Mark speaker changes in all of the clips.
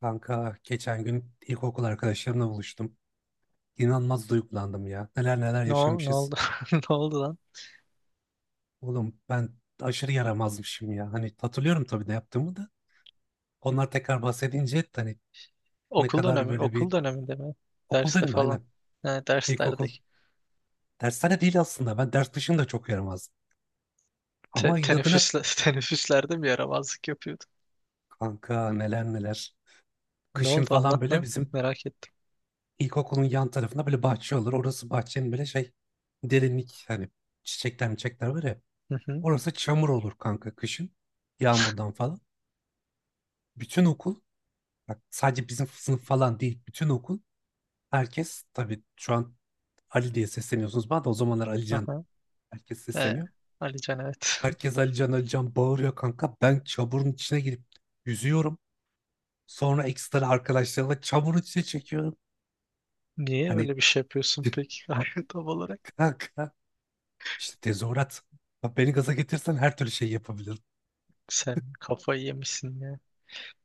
Speaker 1: Kanka geçen gün ilkokul arkadaşlarımla buluştum. İnanılmaz duygulandım ya. Neler neler
Speaker 2: Ne, ne
Speaker 1: yaşamışız.
Speaker 2: oldu? Ne oldu lan?
Speaker 1: Oğlum ben aşırı yaramazmışım ya. Hani hatırlıyorum tabii de yaptığımı da. Onlar tekrar bahsedince hani ne
Speaker 2: Okul
Speaker 1: kadar
Speaker 2: dönemi,
Speaker 1: böyle
Speaker 2: okul
Speaker 1: bir
Speaker 2: döneminde mi?
Speaker 1: okul değil
Speaker 2: Derste
Speaker 1: mi?
Speaker 2: falan.
Speaker 1: Aynen.
Speaker 2: Ne derslerde.
Speaker 1: İlkokul dershane değil aslında. Ben ders dışında çok yaramazdım. Ama inadına
Speaker 2: Teneffüsle teneffüslerde bir yaramazlık yapıyordu.
Speaker 1: kanka neler neler.
Speaker 2: Ne
Speaker 1: Kışın
Speaker 2: oldu
Speaker 1: falan
Speaker 2: anlat
Speaker 1: böyle
Speaker 2: lan.
Speaker 1: bizim
Speaker 2: Merak ettim.
Speaker 1: ilkokulun yan tarafında böyle bahçe olur. Orası bahçenin böyle şey derinlik hani çiçekler çiçekler var ya.
Speaker 2: Hı hı.
Speaker 1: Orası çamur olur kanka kışın. Yağmurdan falan. Bütün okul bak sadece bizim sınıf falan değil. Bütün okul herkes tabii şu an Ali diye sesleniyorsunuz bana, da o zamanlar Alican
Speaker 2: Aha.
Speaker 1: herkes
Speaker 2: E,
Speaker 1: sesleniyor.
Speaker 2: Ali can evet.
Speaker 1: Herkes Alican Alican bağırıyor kanka. Ben çamurun içine girip yüzüyorum. Sonra ekstra arkadaşlarla çamurun içine çekiyorum.
Speaker 2: Niye
Speaker 1: Hani
Speaker 2: öyle bir şey yapıyorsun peki? Tam olarak.
Speaker 1: kanka işte tezahürat. Bak, beni gaza getirsen her türlü şey yapabilirim.
Speaker 2: Sen kafayı yemişsin ya.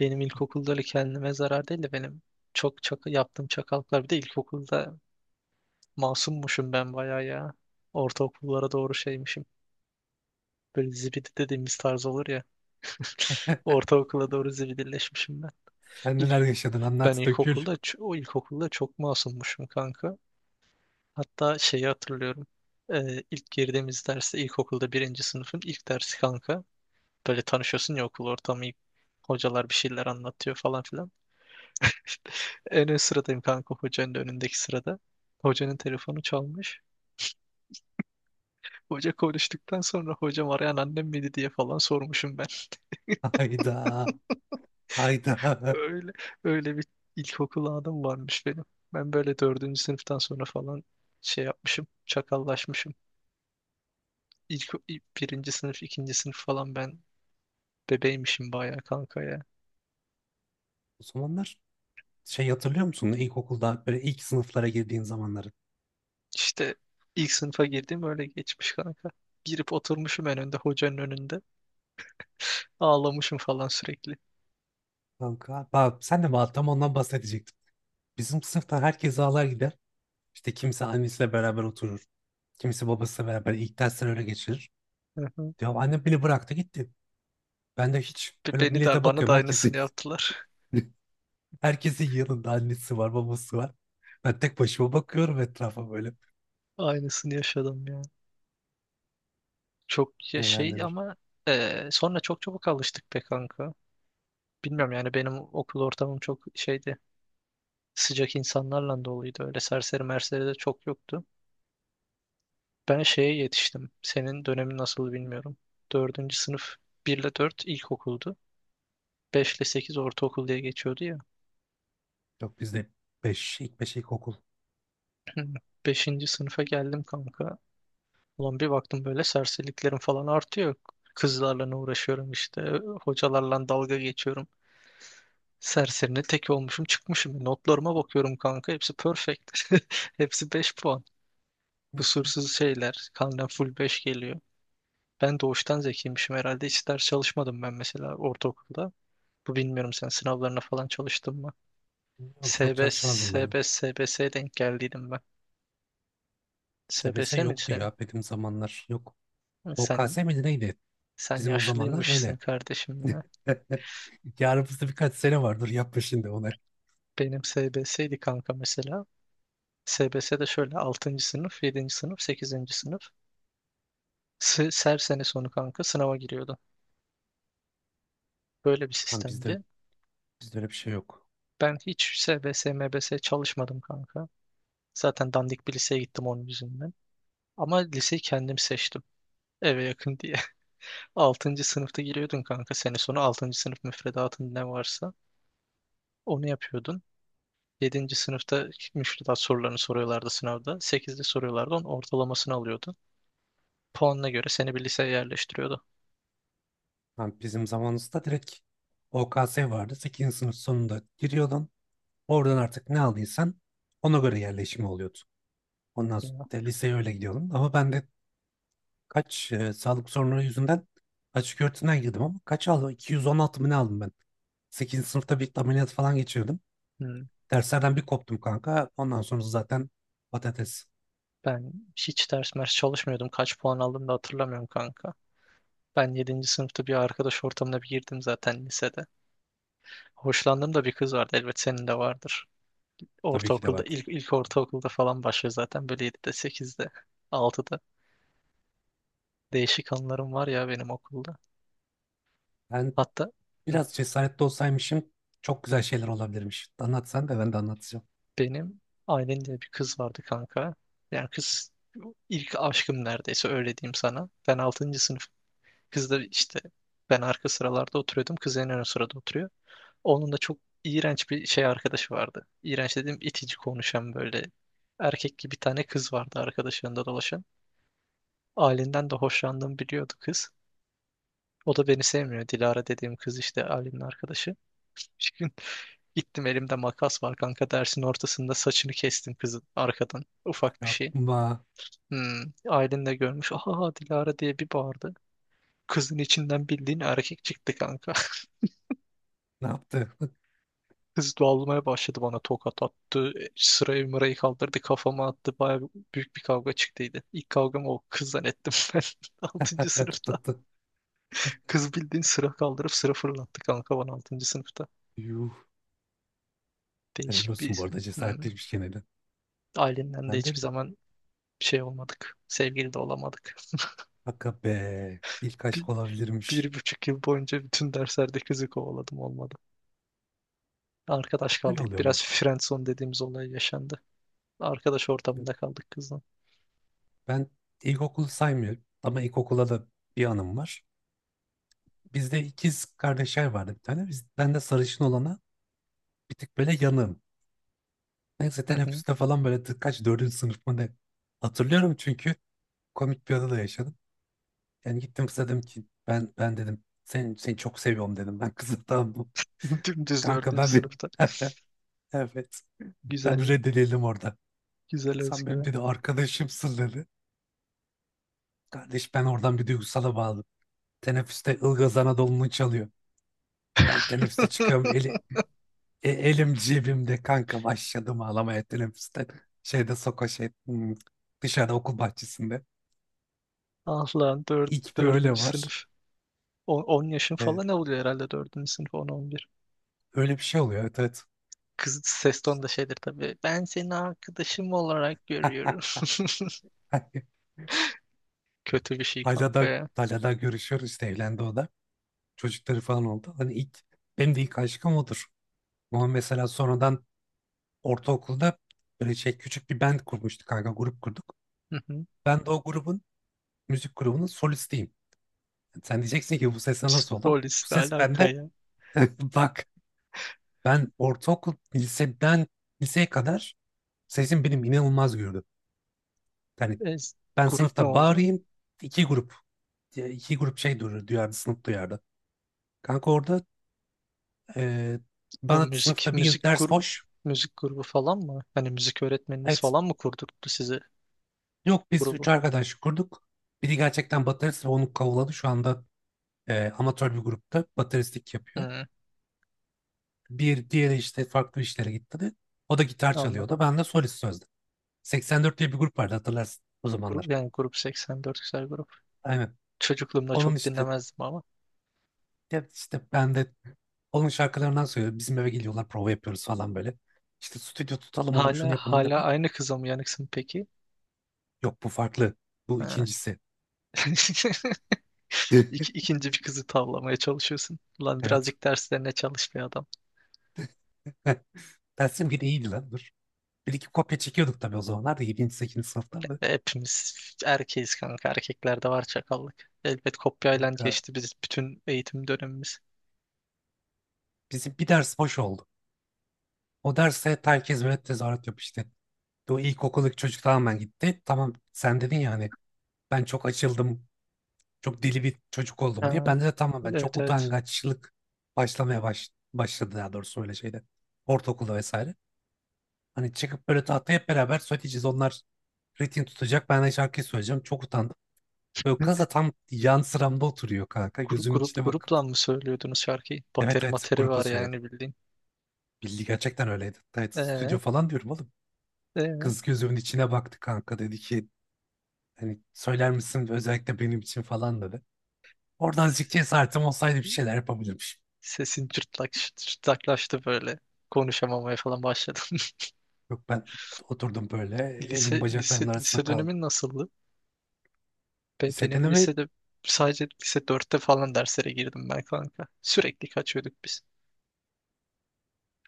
Speaker 2: Benim ilkokulda öyle kendime zarar değil de benim çok çok yaptığım çakallıklar. Bir de ilkokulda masummuşum ben bayağı ya. Ortaokullara doğru şeymişim. Böyle zibidi dediğimiz tarz olur ya. Ortaokula doğru zibidilleşmişim ben.
Speaker 1: Sen neler
Speaker 2: İlk,
Speaker 1: yaşadın,
Speaker 2: ben
Speaker 1: anlat, dökül.
Speaker 2: ilkokulda, o ilkokulda çok masummuşum kanka. Hatta şeyi hatırlıyorum. İlk girdiğimiz derste ilkokulda birinci sınıfın ilk dersi kanka. Böyle tanışıyorsun ya okul ortamı. Hocalar bir şeyler anlatıyor falan filan. En ön sıradayım kanka hocanın da önündeki sırada. Hocanın telefonu çalmış. Hoca konuştuktan sonra hocam arayan annem miydi diye falan sormuşum ben.
Speaker 1: Hayda. Hayda.
Speaker 2: Öyle öyle bir ilkokul anım varmış benim. Ben böyle dördüncü sınıftan sonra falan şey yapmışım, çakallaşmışım. Birinci sınıf, ikinci sınıf falan ben bebeymişim bayağı kanka ya.
Speaker 1: O zamanlar şey hatırlıyor musun? İlkokulda böyle ilk sınıflara girdiğin zamanları.
Speaker 2: İşte ilk sınıfa girdim öyle geçmiş kanka. Girip oturmuşum en önde hocanın önünde. Ağlamışım falan sürekli.
Speaker 1: Kanka bak, sen de bak, tam ondan bahsedecektim. Bizim sınıftan herkes ağlar gider. İşte kimse annesiyle beraber oturur, kimse babasıyla beraber ilk dersleri öyle geçirir.
Speaker 2: Hı hı.
Speaker 1: Ya annem beni bıraktı gitti. Ben de hiç, böyle
Speaker 2: Beni de
Speaker 1: millete
Speaker 2: bana da
Speaker 1: bakıyorum, herkes
Speaker 2: aynısını yaptılar.
Speaker 1: herkesin yanında annesi var, babası var. Ben tek başıma bakıyorum etrafa böyle.
Speaker 2: Aynısını yaşadım ya. Çok ya
Speaker 1: Neler
Speaker 2: şey
Speaker 1: neler.
Speaker 2: ama sonra çok çabuk alıştık be kanka. Bilmiyorum yani benim okul ortamım çok şeydi. Sıcak insanlarla doluydu. Öyle serseri merseri de çok yoktu. Ben şeye yetiştim. Senin dönemin nasıl bilmiyorum. Dördüncü sınıf 1 ile 4 ilkokuldu. 5 ile 8 ortaokul diye geçiyordu ya.
Speaker 1: Yok bizde ilk beş ilkokul.
Speaker 2: Beşinci sınıfa geldim kanka. Ulan bir baktım böyle serseriliklerim falan artıyor. Kızlarla ne uğraşıyorum işte. Hocalarla dalga geçiyorum. Serserine tek olmuşum çıkmışım. Notlarıma bakıyorum kanka. Hepsi perfect. Hepsi 5 puan. Kusursuz şeyler. Kalden full 5 geliyor. Ben doğuştan zekiymişim herhalde. Hiç ders çalışmadım ben mesela ortaokulda. Bu bilmiyorum sen sınavlarına falan çalıştın mı?
Speaker 1: Yok, çok
Speaker 2: SBS,
Speaker 1: çalışmazdım ben.
Speaker 2: SBS, SBS'ye denk geldiydim ben. SBS
Speaker 1: SBS
Speaker 2: miydi
Speaker 1: yoktu
Speaker 2: senin?
Speaker 1: ya benim zamanlar. Yok.
Speaker 2: Sen,
Speaker 1: OKS miydi, neydi?
Speaker 2: sen
Speaker 1: Bizim o zamanlar
Speaker 2: yaşlıymışsın
Speaker 1: öyle.
Speaker 2: kardeşim ya.
Speaker 1: Yarın bizde birkaç sene vardır, yapma şimdi onu.
Speaker 2: Benim SBS'ydi kanka mesela. SBS'de şöyle altıncı sınıf, yedinci sınıf, sekizinci sınıf. Her sene sonu kanka sınava giriyordu. Böyle bir
Speaker 1: Lan bizde
Speaker 2: sistemdi.
Speaker 1: öyle bir şey yok.
Speaker 2: Ben hiç SBS, MBS çalışmadım kanka. Zaten dandik bir liseye gittim onun yüzünden. Ama liseyi kendim seçtim. Eve yakın diye. Altıncı sınıfta giriyordun kanka. Sene sonu altıncı sınıf müfredatın ne varsa onu yapıyordun. Yedinci sınıfta müfredat sorularını soruyorlardı sınavda. Sekizde soruyorlardı. Onun ortalamasını alıyordun. Puanına göre seni bir liseye yerleştiriyordu.
Speaker 1: Lan bizim zamanımızda direkt OKS vardı. Sekizinci sınıf sonunda giriyordun. Oradan artık ne aldıysan ona göre yerleşimi oluyordu. Ondan sonra
Speaker 2: Ya.
Speaker 1: da liseye öyle gidiyordum. Ama ben de sağlık sorunları yüzünden açık öğretimden girdim ama kaç aldım? 216 mı ne aldım ben? Sekizinci sınıfta bir ameliyat falan geçirdim.
Speaker 2: Hmm.
Speaker 1: Derslerden bir koptum kanka. Ondan sonra zaten patates
Speaker 2: Ben hiç ders mers çalışmıyordum. Kaç puan aldım da hatırlamıyorum kanka. Ben yedinci sınıfta bir arkadaş ortamına bir girdim zaten lisede. Hoşlandığım da bir kız vardı. Elbet senin de vardır.
Speaker 1: tabii ki de
Speaker 2: Ortaokulda
Speaker 1: vardı.
Speaker 2: ilk ilk ortaokulda falan başlıyor zaten böyle yedide sekizde altıda. Değişik anılarım var ya benim okulda.
Speaker 1: Ben
Speaker 2: Hatta hı,
Speaker 1: biraz cesaretli olsaymışım çok güzel şeyler olabilirmiş. Anlat, sen de ben de anlatacağım.
Speaker 2: benim ailemde bir kız vardı kanka. Yani kız ilk aşkım neredeyse öyle diyeyim sana. Ben altıncı sınıf. Kız da işte ben arka sıralarda oturuyordum. Kız en ön sırada oturuyor. Onun da çok iğrenç bir şey arkadaşı vardı. İğrenç dediğim itici konuşan böyle erkek gibi bir tane kız vardı arkadaşlarında dolaşan. Ailemden de hoşlandığımı biliyordu kız. O da beni sevmiyor. Dilara dediğim kız işte ailemin arkadaşı. Gittim elimde makas var kanka dersin ortasında saçını kestim kızın arkadan. Ufak bir şey.
Speaker 1: Yapma.
Speaker 2: Hmm, ailen de görmüş. Aha Dilara diye bir bağırdı. Kızın içinden bildiğin erkek çıktı kanka.
Speaker 1: Ne yaptı?
Speaker 2: Kız dağılmaya başladı bana tokat attı. Sırayı mırayı kaldırdı kafama attı. Baya büyük bir kavga çıktıydı. İlk kavgamı o kız zannettim ben altıncı sınıfta.
Speaker 1: Patı.
Speaker 2: Kız bildiğin sıra kaldırıp sıra fırlattı kanka bana altıncı sınıfta.
Speaker 1: Yuh. Helal
Speaker 2: Değişik
Speaker 1: olsun, bu
Speaker 2: bir...
Speaker 1: arada
Speaker 2: Hmm.
Speaker 1: cesaretliymiş gene de.
Speaker 2: Ailenden de
Speaker 1: Ben de
Speaker 2: hiçbir
Speaker 1: öyle.
Speaker 2: zaman şey olmadık. Sevgili de olamadık.
Speaker 1: Hakka be. İlk aşk olabilirmiş.
Speaker 2: 1,5 yıl boyunca bütün derslerde kızı kovaladım olmadı. Arkadaş
Speaker 1: Hep böyle
Speaker 2: kaldık.
Speaker 1: oluyor ama.
Speaker 2: Biraz friendzone dediğimiz olay yaşandı. Arkadaş ortamında kaldık kızla.
Speaker 1: Ben ilkokul saymıyorum ama ilkokula da bir anım var. Bizde ikiz kardeşler vardı bir tane. Ben de sarışın olana bir tık böyle yanığım. Neyse
Speaker 2: Hı hı.
Speaker 1: teneffüste falan böyle tık- kaç dördüncü sınıf mı ne? Hatırlıyorum çünkü komik bir anı da yaşadım. Yani gittim kıza dedim ki, ben dedim, seni çok seviyorum dedim. Ben kızım tamam mı?
Speaker 2: Dümdüz
Speaker 1: Kanka
Speaker 2: dördüncü
Speaker 1: ben bir
Speaker 2: sınıfta.
Speaker 1: evet, ben
Speaker 2: Güzel,
Speaker 1: reddedildim orada.
Speaker 2: güzel
Speaker 1: Sen benim dedi
Speaker 2: özgüven.
Speaker 1: arkadaşımsın dedi. Kardeş ben oradan bir duygusala bağladım. Teneffüste Ilgaz Anadolu'nu çalıyor. Ben teneffüste çıkıyorum. Eli, E, elim cebimde kanka, başladım ağlamaya teneffüste. Şeyde soka şey dışarı, okul bahçesinde.
Speaker 2: Ah lan
Speaker 1: İlk böyle
Speaker 2: dördüncü
Speaker 1: var.
Speaker 2: sınıf. On on yaşın
Speaker 1: E,
Speaker 2: falan ne oluyor herhalde dördüncü sınıf on on bir.
Speaker 1: Öyle bir şey oluyor, evet evet.
Speaker 2: Kız ses tonu da şeydir tabii. Ben seni arkadaşım olarak görüyorum. Kötü bir şey
Speaker 1: Hala
Speaker 2: kanka
Speaker 1: da
Speaker 2: ya.
Speaker 1: hala da görüşüyoruz, işte evlendi o da. Çocukları falan oldu. Hani ilk, benim de ilk aşkım odur. Ama mesela sonradan ortaokulda böyle şey, küçük bir band kurmuştuk kanka, grup kurduk.
Speaker 2: Hı hı.
Speaker 1: Ben de o grubun, müzik grubunun solistiyim. Sen diyeceksin ki bu sese nasıl oldum? Bu
Speaker 2: Polisle
Speaker 1: ses
Speaker 2: alaka
Speaker 1: bende.
Speaker 2: ya.
Speaker 1: Bak, ben ortaokul liseden liseye kadar sesim benim inanılmaz gördü. Yani
Speaker 2: E,
Speaker 1: ben
Speaker 2: grup ne
Speaker 1: sınıfta
Speaker 2: oldu?
Speaker 1: bağırayım iki grup, iki grup şey duyardı sınıf, duyardı. Kanka orada e,
Speaker 2: Bu
Speaker 1: bana
Speaker 2: müzik
Speaker 1: sınıfta bir gün
Speaker 2: müzik
Speaker 1: ders
Speaker 2: grubu
Speaker 1: boş.
Speaker 2: müzik grubu falan mı? Hani müzik öğretmeniniz
Speaker 1: Evet,
Speaker 2: falan mı kurdurttu size
Speaker 1: yok biz
Speaker 2: grubu?
Speaker 1: üç arkadaş kurduk. Biri gerçekten baterist ve onu kavuladı. Şu anda amatör bir grupta bateristlik yapıyor.
Speaker 2: Hı,
Speaker 1: Bir diğeri işte farklı işlere gitti de. O da gitar çalıyordu.
Speaker 2: anladım.
Speaker 1: Ben de solist sözde. 84 diye bir grup vardı, hatırlarsın o zamanlar.
Speaker 2: Grup yani grup 84 güzel grup.
Speaker 1: Aynen.
Speaker 2: Çocukluğumda
Speaker 1: Onun
Speaker 2: çok
Speaker 1: işte,
Speaker 2: dinlemezdim ama.
Speaker 1: ya işte ben de onun şarkılarından söylüyorum. Bizim eve geliyorlar, prova yapıyoruz falan böyle. İşte stüdyo tutalım oğlum, şunu
Speaker 2: Hala
Speaker 1: yapalım
Speaker 2: hala
Speaker 1: yapalım.
Speaker 2: aynı kıza mı yanıksın peki?
Speaker 1: Yok, bu farklı. Bu
Speaker 2: Ha.
Speaker 1: ikincisi. Tüh.
Speaker 2: İkinci bir kızı tavlamaya çalışıyorsun. Lan
Speaker 1: Evet.
Speaker 2: birazcık derslerine çalış bir adam.
Speaker 1: Heh, dersim biri iyiydi lan dur. Bir iki kopya çekiyorduk tabii o zamanlar da 7. 8. sınıfta ama
Speaker 2: Hepimiz erkeğiz kanka. Erkeklerde var çakallık. Elbet kopyayla
Speaker 1: kanka,
Speaker 2: geçti biz bütün eğitim dönemimiz.
Speaker 1: bizim bir ders boş oldu. O derse herkes böyle tezahürat yapıyor işte. O ilkokuldaki çocuk tamamen gitti. Tamam, sen dedin ya hani ben çok açıldım, çok deli bir çocuk oldum diye.
Speaker 2: Ha.
Speaker 1: Ben de tamam, ben çok
Speaker 2: Evet evet.
Speaker 1: utangaçlık başladı daha doğrusu öyle şeyde. Ortaokulda vesaire. Hani çıkıp böyle tahtaya hep beraber söyleyeceğiz. Onlar ritim tutacak, ben de şarkıyı söyleyeceğim. Çok utandım. Böyle kız da tam yan sıramda oturuyor kanka, gözümün içine bakıp.
Speaker 2: Grupla mı söylüyordunuz şarkıyı?
Speaker 1: Evet
Speaker 2: Bateri
Speaker 1: evet,
Speaker 2: materi
Speaker 1: grupa
Speaker 2: var
Speaker 1: söyledim.
Speaker 2: yani bildiğin.
Speaker 1: Bildi, gerçekten öyleydi. Evet, stüdyo
Speaker 2: Ee,
Speaker 1: falan diyorum oğlum.
Speaker 2: evet.
Speaker 1: Kız gözümün içine baktı kanka. Dedi ki, hani söyler misin özellikle benim için falan dedi. Oradan azıcık cesaretim olsaydı bir şeyler yapabilirmişim.
Speaker 2: Sesin cırtlaklaştı böyle. Konuşamamaya falan başladım.
Speaker 1: Yok, ben oturdum böyle. Elim bacaklarımın arasında
Speaker 2: Lise
Speaker 1: kaldı.
Speaker 2: dönemin nasıldı? Benim
Speaker 1: Lisedene mi?
Speaker 2: lisede sadece lise dörtte falan derslere girdim ben kanka. Sürekli kaçıyorduk biz.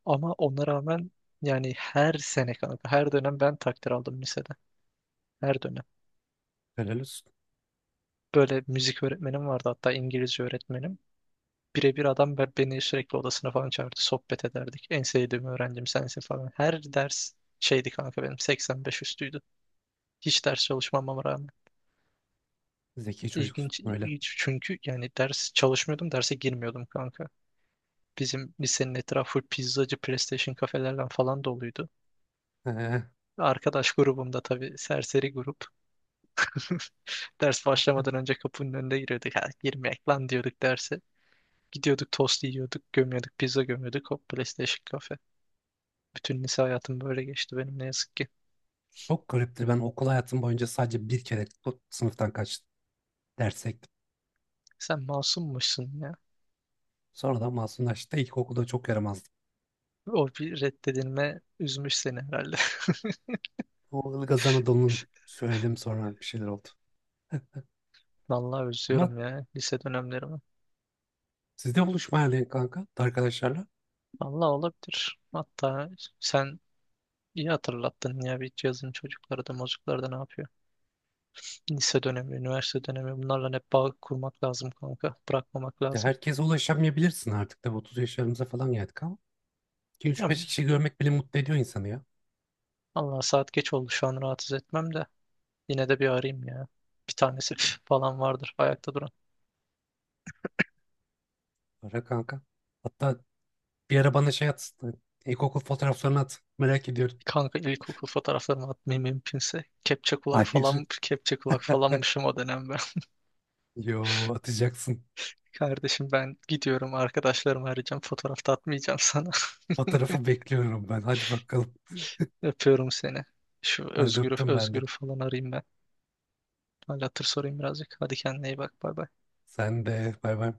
Speaker 2: Ama ona rağmen yani her sene kanka, her dönem ben takdir aldım lisede. Her dönem.
Speaker 1: Helal olsun.
Speaker 2: Böyle müzik öğretmenim vardı hatta İngilizce öğretmenim. Birebir adam beni sürekli odasına falan çağırdı. Sohbet ederdik. En sevdiğim öğrencim sensin falan. Her ders şeydi kanka benim 85 üstüydü. Hiç ders çalışmamama rağmen.
Speaker 1: Zeki çocuksun
Speaker 2: İlginç,
Speaker 1: öyle.
Speaker 2: ilginç çünkü yani ders çalışmıyordum, derse girmiyordum kanka. Bizim lisenin etrafı full pizzacı, PlayStation kafelerle falan doluydu.
Speaker 1: Ee,
Speaker 2: Arkadaş grubumda tabii serseri grup. Ders başlamadan önce kapının önünde giriyorduk. Ha, girmeyek lan diyorduk derse. Gidiyorduk tost yiyorduk, gömüyorduk, pizza gömüyorduk. Hop PlayStation. Bütün lise hayatım böyle geçti benim ne yazık ki.
Speaker 1: Çok gariptir. Ben okul hayatım boyunca sadece bir kere bu sınıftan kaçtım. Derse gittim.
Speaker 2: Sen masummuşsun ya.
Speaker 1: Sonra da masumlaştı. İlkokulda çok yaramazdım.
Speaker 2: O bir reddedilme üzmüş seni herhalde.
Speaker 1: O Ilgaz Anadolu'nun söyledim, sonra bir şeyler oldu.
Speaker 2: Vallahi
Speaker 1: Ama
Speaker 2: özlüyorum ya lise dönemlerimi.
Speaker 1: sizde buluşma yani kanka, arkadaşlarla.
Speaker 2: Vallahi olabilir. Hatta sen iyi hatırlattın ya bir cihazın çocukları da mocukları da ne yapıyor. Lise dönemi, üniversite dönemi bunlarla hep bağ kurmak lazım kanka. Bırakmamak
Speaker 1: Ya
Speaker 2: lazım.
Speaker 1: herkese ulaşamayabilirsin artık. Tabii 30 yaşlarımıza falan geldik ama.
Speaker 2: Ya,
Speaker 1: 2-3-5 kişi görmek bile mutlu ediyor insanı ya.
Speaker 2: Allah saat geç oldu şu an rahatsız etmem de. Yine de bir arayayım ya. Bir tanesi falan vardır ayakta duran.
Speaker 1: Ara kanka. Hatta bir ara bana şey at. İlkokul fotoğraflarını at. Merak ediyorum.
Speaker 2: Kanka ilkokul fotoğraflarımı atmayayım mümkünse. Kepçe kulak
Speaker 1: Hayır.
Speaker 2: falan, kepçe kulak falanmışım o dönem ben.
Speaker 1: Yo, atacaksın.
Speaker 2: Kardeşim ben gidiyorum arkadaşlarımı arayacağım. Fotoğrafta atmayacağım sana.
Speaker 1: Fotoğrafı bekliyorum ben. Hadi bakalım.
Speaker 2: Öpüyorum seni. Şu
Speaker 1: Hadi, öptüm ben de.
Speaker 2: Özgür'ü falan arayayım ben. Hal hatır sorayım birazcık. Hadi kendine iyi bak. Bay bay.
Speaker 1: Sen de. Bay bay.